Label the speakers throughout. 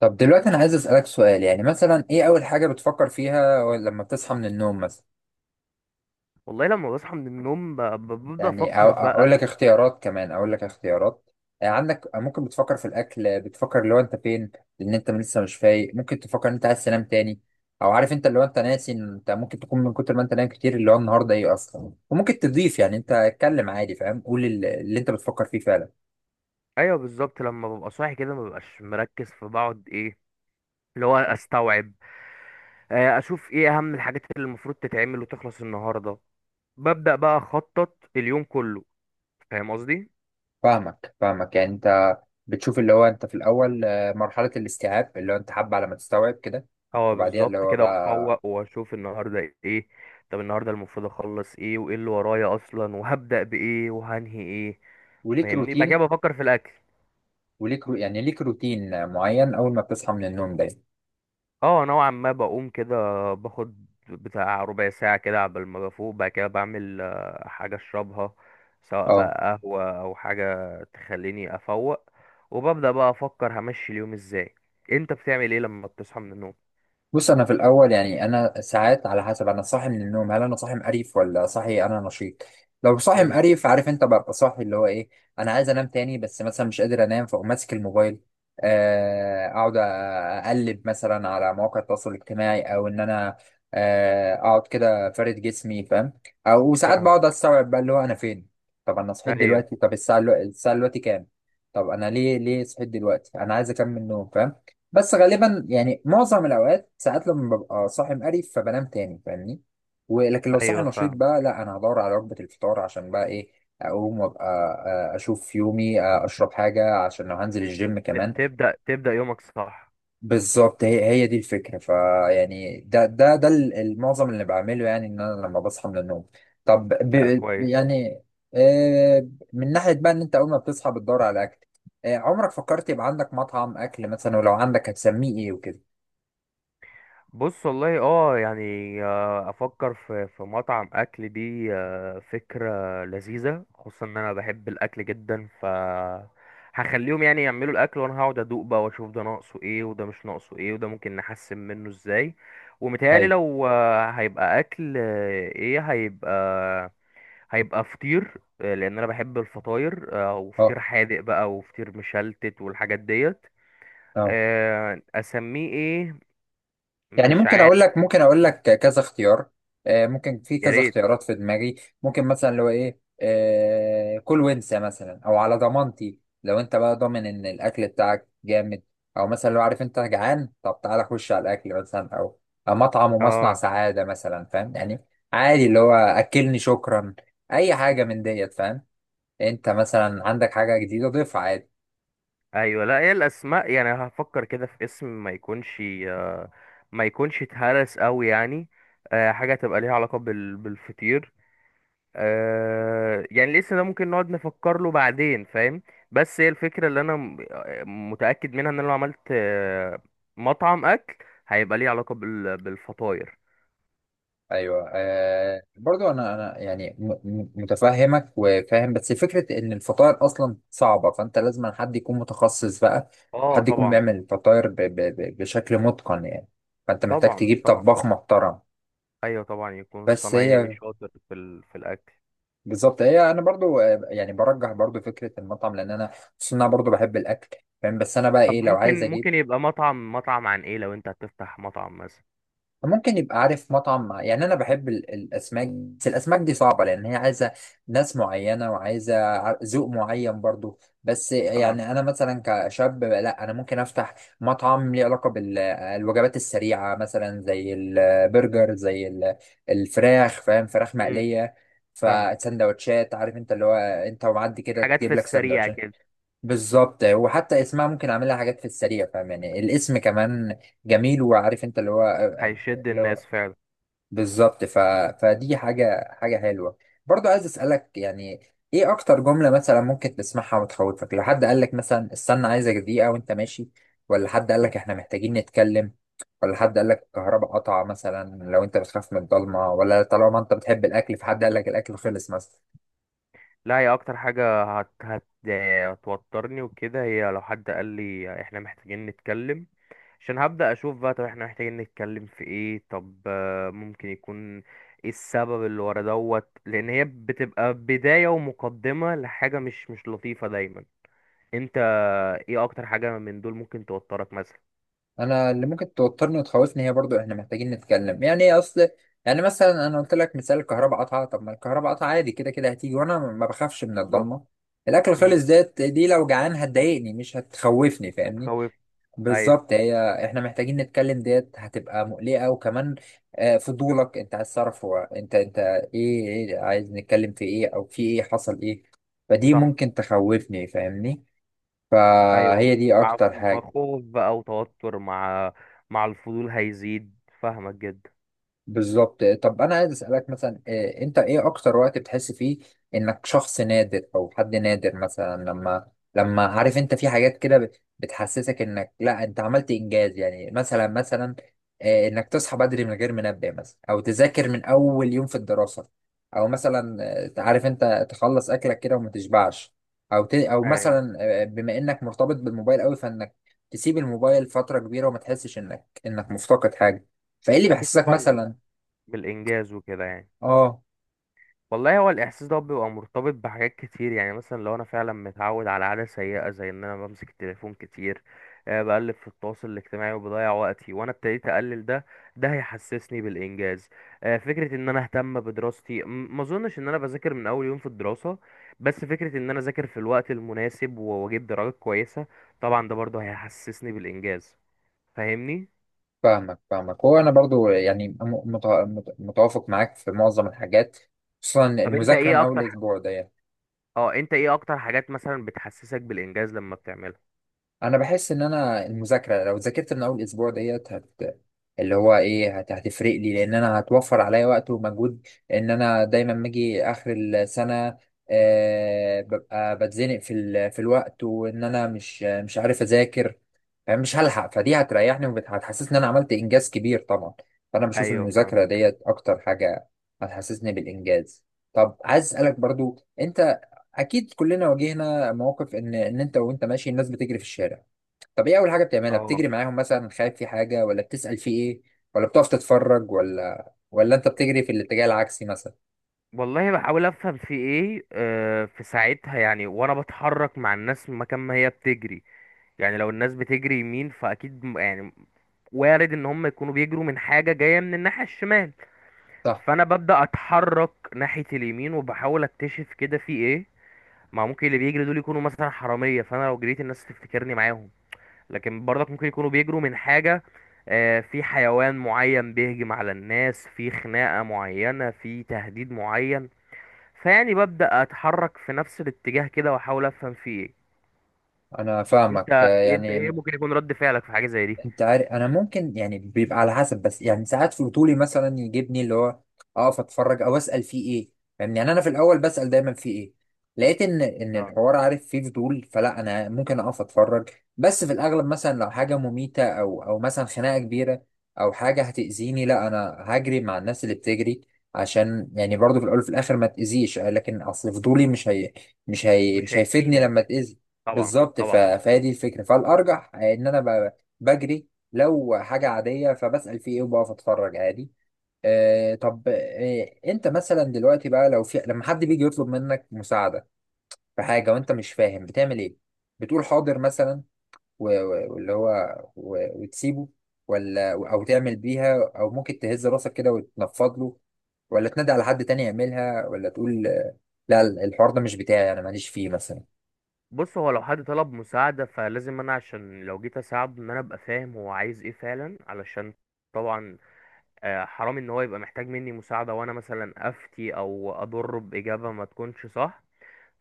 Speaker 1: طب دلوقتي انا عايز اسالك سؤال، يعني مثلا ايه اول حاجه بتفكر فيها لما بتصحى من النوم مثلا؟
Speaker 2: والله لما بصحى من النوم ببدأ
Speaker 1: يعني
Speaker 2: أفكر
Speaker 1: اقول
Speaker 2: بقى.
Speaker 1: لك اختيارات، كمان اقول لك اختيارات. يعني عندك ممكن بتفكر في الاكل، بتفكر لو انت فين. لان انت لسه مش فايق ممكن تفكر ان انت عايز تنام تاني. او عارف انت اللي هو انت ناسي إن انت ممكن تكون من كتر ما انت نايم كتير اللي هو النهارده ايه اصلا. وممكن تضيف، يعني انت اتكلم عادي، فاهم؟ قول اللي انت بتفكر فيه فعلا.
Speaker 2: أيوه بالظبط، لما ببقى صاحي كده مببقاش مركز، فبقعد إيه اللي هو أستوعب. أشوف إيه أهم الحاجات اللي المفروض تتعمل وتخلص النهاردة. ببدأ بقى أخطط اليوم كله. فاهم قصدي؟
Speaker 1: فاهمك يعني انت بتشوف اللي هو انت في الاول، مرحله الاستيعاب اللي هو انت حابه على ما تستوعب كده.
Speaker 2: اه
Speaker 1: وبعديها اللي
Speaker 2: بالظبط
Speaker 1: هو
Speaker 2: كده،
Speaker 1: بقى،
Speaker 2: وأفوق وأشوف النهاردة إيه. طب النهاردة المفروض أخلص إيه، وإيه اللي ورايا أصلا، وهبدأ بإيه وهنهي إيه.
Speaker 1: وليك
Speaker 2: فاهمني؟ بعد كده
Speaker 1: روتين.
Speaker 2: بفكر في الأكل.
Speaker 1: يعني ليك روتين معين اول ما بتصحى من النوم ده.
Speaker 2: اه نوعا ما بقوم كده، باخد بتاع ربع ساعة كده عبال ما بفوق، بعد كده بعمل حاجة اشربها سواء
Speaker 1: اه.
Speaker 2: بقى قهوة او حاجة تخليني افوق. وببدأ بقى افكر همشي اليوم ازاي. انت بتعمل ايه لما بتصحى من النوم؟
Speaker 1: بص انا في الاول يعني انا ساعات على حسب انا صاحي من النوم، هل انا صاحي مقريف ولا صاحي انا نشيط. لو صاحي
Speaker 2: امم.
Speaker 1: مقريف عارف انت، ببقى صاحي اللي هو ايه، انا عايز انام تاني بس مثلا مش قادر انام، فاقوم ماسك الموبايل. اقعد اقلب مثلا على مواقع التواصل الاجتماعي، او ان انا اقعد كده فارد جسمي، فاهم؟ او وساعات بقعد
Speaker 2: فاهمك.
Speaker 1: استوعب بقى اللي هو انا فين. طب انا صحيت
Speaker 2: ايوه.
Speaker 1: دلوقتي، طب الساعه الساعه دلوقتي كام؟ طب انا ليه صحيت دلوقتي، انا عايز اكمل نوم، فاهم؟ بس غالبا يعني معظم الاوقات ساعات لما ببقى صاحي مقرف فبنام تاني، فاهمني؟ ولكن لو صاحي
Speaker 2: ايوه
Speaker 1: نشيط
Speaker 2: فاهم.
Speaker 1: بقى لا، انا هدور على وجبة الفطار عشان بقى ايه، اقوم وابقى اشوف يومي، اشرب حاجة عشان لو هنزل الجيم
Speaker 2: ت-
Speaker 1: كمان.
Speaker 2: تبدأ تبدأ يومك، صح.
Speaker 1: بالظبط، هي دي الفكرة. فيعني ده المعظم اللي بعمله يعني ان انا لما بصحى من النوم. طب
Speaker 2: لا كويس.
Speaker 1: يعني آه، من ناحية بقى ان انت اول ما بتصحى بتدور على اكل، عمرك فكرت يبقى عندك مطعم اكل مثلا، ولو عندك هتسميه ايه وكده؟
Speaker 2: بص والله اه، يعني افكر في مطعم اكل، دي فكره لذيذه، خصوصا ان انا بحب الاكل جدا. ف هخليهم يعني يعملوا الاكل وانا هقعد ادوق بقى، واشوف ده ناقصه ايه وده مش ناقصه ايه وده ممكن نحسن منه ازاي. ومتهيألي لو هيبقى اكل، ايه هيبقى، هيبقى فطير. لان انا بحب الفطاير،
Speaker 1: اه.
Speaker 2: وفطير حادق بقى وفطير مشلتت والحاجات ديت.
Speaker 1: اه
Speaker 2: اسميه ايه؟
Speaker 1: يعني،
Speaker 2: مش
Speaker 1: ممكن اقول
Speaker 2: عارف.
Speaker 1: لك، ممكن اقول لك كذا اختيار، ممكن في
Speaker 2: يا
Speaker 1: كذا
Speaker 2: ريت.
Speaker 1: اختيارات في دماغي. ممكن مثلا لو ايه كل وانسى مثلا، او على ضمانتي لو انت بقى ضامن ان الاكل بتاعك جامد، او مثلا لو عارف انت جعان طب تعالى خش على الاكل مثلا، او أو مطعم ومصنع
Speaker 2: اه.
Speaker 1: سعادة مثلا، فاهم يعني؟ عادي اللي هو اكلني شكرا، اي حاجة من ديت، فاهم؟ انت مثلا عندك حاجة جديدة ضيفها عادي.
Speaker 2: ايوه لا، هي الاسماء يعني هفكر كده في اسم ما يكونش، آه، ما يكونش اتهرس قوي يعني. حاجه تبقى ليها علاقه بالفطير. يعني الاسم ده ممكن نقعد نفكر له بعدين، فاهم. بس هي الفكره اللي انا متاكد منها ان انا لو عملت مطعم اكل، هيبقى ليه علاقه بالفطاير.
Speaker 1: ايوه آه، برضو انا انا يعني متفهمك وفاهم، بس فكره ان الفطاير اصلا صعبه، فانت لازم حد يكون متخصص بقى،
Speaker 2: اه
Speaker 1: حد يكون
Speaker 2: طبعا.
Speaker 1: بيعمل الفطاير ب ب ب بشكل متقن يعني، فانت محتاج
Speaker 2: طبعا
Speaker 1: تجيب
Speaker 2: طبعا.
Speaker 1: طباخ محترم.
Speaker 2: ايوه طبعا، يكون
Speaker 1: بس
Speaker 2: صنايعي
Speaker 1: هي،
Speaker 2: شاطر في في الاكل.
Speaker 1: بالظبط هي، انا برضو يعني برجح برضو فكره المطعم، لان انا خصوصا انا برضو بحب الاكل، فاهم؟ بس انا بقى
Speaker 2: طب
Speaker 1: ايه لو عايز
Speaker 2: ممكن،
Speaker 1: اجيب،
Speaker 2: يبقى مطعم، عن ايه لو انت هتفتح مطعم مثلا.
Speaker 1: ممكن يبقى عارف مطعم يعني انا بحب الاسماك، بس الاسماك دي صعبه لان هي عايزه ناس معينه، وعايزه ذوق معين برضو. بس
Speaker 2: اه.
Speaker 1: يعني انا مثلا كشاب، لا انا ممكن افتح مطعم ليه علاقه بالوجبات السريعه مثلا زي البرجر، زي الفراخ، فاهم؟ فراخ
Speaker 2: امم.
Speaker 1: مقليه،
Speaker 2: فاهم.
Speaker 1: فسندوتشات، عارف انت اللي هو انت ومعدي كده
Speaker 2: حاجات
Speaker 1: تجيب
Speaker 2: في
Speaker 1: لك
Speaker 2: السريع
Speaker 1: سندوتشات.
Speaker 2: كده.
Speaker 1: بالظبط، وحتى اسمها ممكن اعملها حاجات في السريع، فاهم يعني؟ الاسم كمان جميل، وعارف انت اللي
Speaker 2: هيشد
Speaker 1: هو،
Speaker 2: الناس فعلا.
Speaker 1: بالظبط. ف... فدي حاجة حلوة. برضو عايز أسألك يعني، إيه أكتر جملة مثلا ممكن تسمعها وتخوفك؟ لو حد قالك مثلا استنى عايزك دقيقة وأنت ماشي، ولا حد قالك إحنا محتاجين نتكلم، ولا حد قالك الكهرباء قطع مثلا لو أنت بتخاف من الضلمة، ولا طالما أنت بتحب الأكل فحد قالك الأكل خلص مثلا.
Speaker 2: لا هي اكتر حاجة هت هت هتوترني وكده، هي لو حد قال لي احنا محتاجين نتكلم. عشان هبدأ اشوف بقى، طب احنا محتاجين نتكلم في ايه، طب ممكن يكون ايه السبب اللي ورا دوت، لان هي بتبقى بداية ومقدمة لحاجة مش لطيفة دايما. انت ايه اكتر حاجة من دول ممكن توترك مثلا؟
Speaker 1: انا اللي ممكن توترني وتخوفني هي برضو احنا محتاجين نتكلم، يعني ايه اصل؟ يعني مثلا انا قلت لك مثال الكهرباء قطعه، طب ما الكهرباء قطعه عادي كده كده هتيجي، وانا ما بخافش من
Speaker 2: بالظبط.
Speaker 1: الضلمه. الاكل خالص ديت دي لو جعان هتضايقني مش هتخوفني،
Speaker 2: مش
Speaker 1: فاهمني؟
Speaker 2: هتخوف. ايوه
Speaker 1: بالظبط هي، احنا محتاجين نتكلم ديت هتبقى مقلقة، وكمان فضولك انت عايز تعرف هو انت، انت ايه ايه عايز نتكلم في ايه، او في ايه، حصل ايه، فدي
Speaker 2: صح.
Speaker 1: ممكن تخوفني، فاهمني؟
Speaker 2: ايوه،
Speaker 1: فهي دي
Speaker 2: مع
Speaker 1: اكتر حاجة.
Speaker 2: خوف بقى وتوتر، مع الفضول هيزيد. فاهمك جدا.
Speaker 1: بالظبط. طب انا عايز اسالك مثلا انت ايه اكتر وقت بتحس فيه انك شخص نادر او حد نادر مثلا؟ لما عارف انت في حاجات كده بتحسسك انك لا انت عملت انجاز، يعني مثلا انك تصحى بدري من غير منبه مثلا، او تذاكر من اول يوم في الدراسة، او مثلا عارف انت تخلص اكلك كده وما تشبعش، او او
Speaker 2: ايوه
Speaker 1: مثلا بما انك مرتبط بالموبايل قوي فانك تسيب الموبايل فترة كبيرة وما تحسش انك مفتقد حاجة، فايه اللي
Speaker 2: اكيد
Speaker 1: بيحسسك
Speaker 2: طبعا،
Speaker 1: مثلا؟
Speaker 2: بالانجاز وكده يعني.
Speaker 1: اه.
Speaker 2: والله هو الاحساس ده بيبقى مرتبط بحاجات كتير. يعني مثلا لو انا فعلا متعود على عاده سيئه زي ان انا بمسك التليفون كتير، بقلب في التواصل الاجتماعي وبضيع وقتي، وانا ابتديت اقلل ده، ده هيحسسني بالانجاز. فكره ان انا اهتم بدراستي، ما اظنش ان انا بذاكر من اول يوم في الدراسه، بس فكره ان انا اذاكر في الوقت المناسب واجيب درجات كويسه، طبعا ده برضه هيحسسني بالانجاز. فاهمني؟
Speaker 1: فاهمك فاهمك، هو انا برضو يعني متوافق معاك في معظم الحاجات، خصوصا
Speaker 2: طب انت
Speaker 1: المذاكره من
Speaker 2: ايه
Speaker 1: اول
Speaker 2: اكتر
Speaker 1: اسبوع ده يعني.
Speaker 2: اه انت ايه اكتر حاجات مثلا بتحسسك بالانجاز لما بتعملها؟
Speaker 1: انا بحس ان انا المذاكره لو ذاكرت من اول اسبوع ديت هت، اللي هو ايه، هت... هتفرق لي، لان انا هتوفر عليا وقت ومجهود، ان انا دايما باجي اخر السنه، آه ببقى بتزنق في ال... في الوقت، وان انا مش عارف اذاكر، مش هلحق، فدي هتريحني وهتحسسني ان انا عملت انجاز كبير طبعا. فانا بشوف
Speaker 2: ايوه فاهم.
Speaker 1: المذاكره ديت اكتر حاجه هتحسسني بالانجاز. طب عايز اسالك برضو انت، اكيد كلنا واجهنا مواقف ان انت وانت ماشي الناس بتجري في الشارع، طب ايه اول حاجه بتعملها؟
Speaker 2: اه
Speaker 1: بتجري معاهم مثلا خايف في حاجه، ولا بتسال في ايه، ولا بتقف تتفرج، ولا انت بتجري في الاتجاه العكسي مثلا؟
Speaker 2: والله بحاول افهم في ايه في ساعتها، يعني وانا بتحرك مع الناس مكان ما هي بتجري. يعني لو الناس بتجري يمين، فاكيد يعني وارد ان هم يكونوا بيجروا من حاجة جاية من الناحية الشمال.
Speaker 1: صح.
Speaker 2: فانا ببدأ اتحرك ناحية اليمين، وبحاول اكتشف كده في ايه. ما ممكن اللي بيجري دول يكونوا مثلا حرامية، فانا لو جريت الناس تفتكرني معاهم. لكن برضك ممكن يكونوا بيجروا من حاجة، في حيوان معين بيهجم على الناس، في خناقة معينة، في تهديد معين. فيعني ببدأ أتحرك في نفس الاتجاه كده وأحاول أفهم فيه إيه.
Speaker 1: انا فاهمك
Speaker 2: أنت إيه
Speaker 1: يعني
Speaker 2: ممكن يكون رد فعلك في حاجة زي دي؟
Speaker 1: انت عارف انا ممكن، يعني بيبقى على حسب، بس يعني ساعات فضولي مثلا يجيبني اللي هو اقف اتفرج او اسال فيه ايه، فاهمني؟ يعني انا في الاول بسال دايما فيه ايه، لقيت ان
Speaker 2: اه.
Speaker 1: الحوار عارف فيه فضول فلا انا ممكن اقف اتفرج. بس في الاغلب مثلا لو حاجه مميته، او مثلا خناقه كبيره، او حاجه هتاذيني، لا انا هجري مع الناس اللي بتجري عشان يعني برضو في الاول وفي الاخر ما تاذيش، لكن اصل فضولي
Speaker 2: مش
Speaker 1: مش هيفيدني لما
Speaker 2: هيفيدك.
Speaker 1: تاذي.
Speaker 2: طبعا
Speaker 1: بالظبط. ف...
Speaker 2: طبعا.
Speaker 1: فهي دي الفكره، فالارجح ان انا بجري، لو حاجة عادية فبسأل في ايه وبقف اتفرج عادي. آه، طب آه انت مثلا دلوقتي بقى لو في، لما حد بيجي يطلب منك مساعدة في حاجة وانت مش فاهم، بتعمل ايه؟ بتقول حاضر مثلا واللي هو وتسيبه، ولا او تعمل بيها، او ممكن تهز راسك كده وتنفض له، ولا تنادي على حد تاني يعملها، ولا تقول لا الحوار ده مش بتاعي انا ماليش فيه مثلا؟
Speaker 2: بص هو لو حد طلب مساعدة، فلازم أنا عشان لو جيت أساعده إن أنا أبقى فاهم هو عايز إيه فعلا، علشان طبعا حرام إن هو يبقى محتاج مني مساعدة وأنا مثلا أفتي أو أضره بإجابة ما تكونش صح.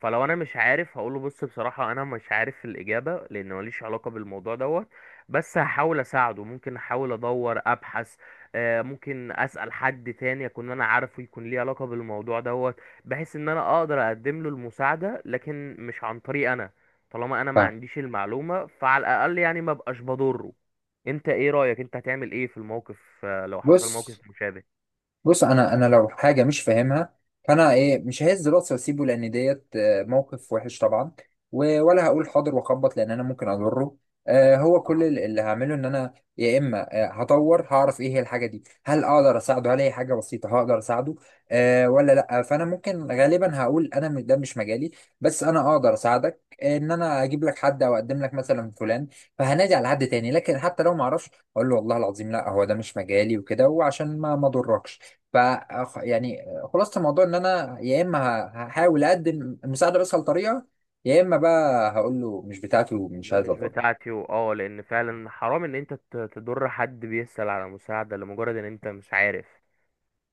Speaker 2: فلو انا مش عارف هقوله بص بصراحة انا مش عارف الاجابة، لان ماليش علاقة بالموضوع دوت. بس هحاول اساعده، ممكن احاول ادور ابحث، ممكن اسأل حد تاني اكون انا عارفه يكون ليه علاقة بالموضوع دوت، بحيث ان انا اقدر اقدم له المساعدة، لكن مش عن طريق انا. طالما انا ما
Speaker 1: فاهم.
Speaker 2: عنديش المعلومة، فعلى الاقل يعني ما بقاش بضره. انت ايه رأيك، انت هتعمل ايه في الموقف لو حصل موقف
Speaker 1: بص.
Speaker 2: مشابه؟
Speaker 1: بص انا، انا لو حاجه مش فاهمها فانا ايه، مش ههز راسي واسيبه لان ديت موقف وحش طبعا، ولا هقول حاضر واخبط لان انا ممكن اضره. هو كل اللي هعمله ان انا يا اما هطور هعرف ايه هي الحاجه دي، هل اقدر اساعده، هل هي حاجه بسيطه هقدر اساعده أه ولا لا، فانا ممكن غالبا هقول انا ده مش مجالي، بس انا اقدر اساعدك ان انا اجيب لك حد او اقدم لك مثلا فلان، فهنادي على حد تاني. لكن حتى لو ما اعرفش اقول له والله العظيم لا هو ده مش مجالي وكده، وعشان ما اضركش. ف، يعني، خلاصة الموضوع ان انا يا اما هحاول اقدم المساعدة بأسهل طريقة، يا اما بقى هقول له مش بتاعتي ومش عايز
Speaker 2: مش
Speaker 1: أطلب.
Speaker 2: بتاعتي، واه لان فعلا حرام ان انت تضر حد بيسأل على مساعدة لمجرد ان انت مش عارف.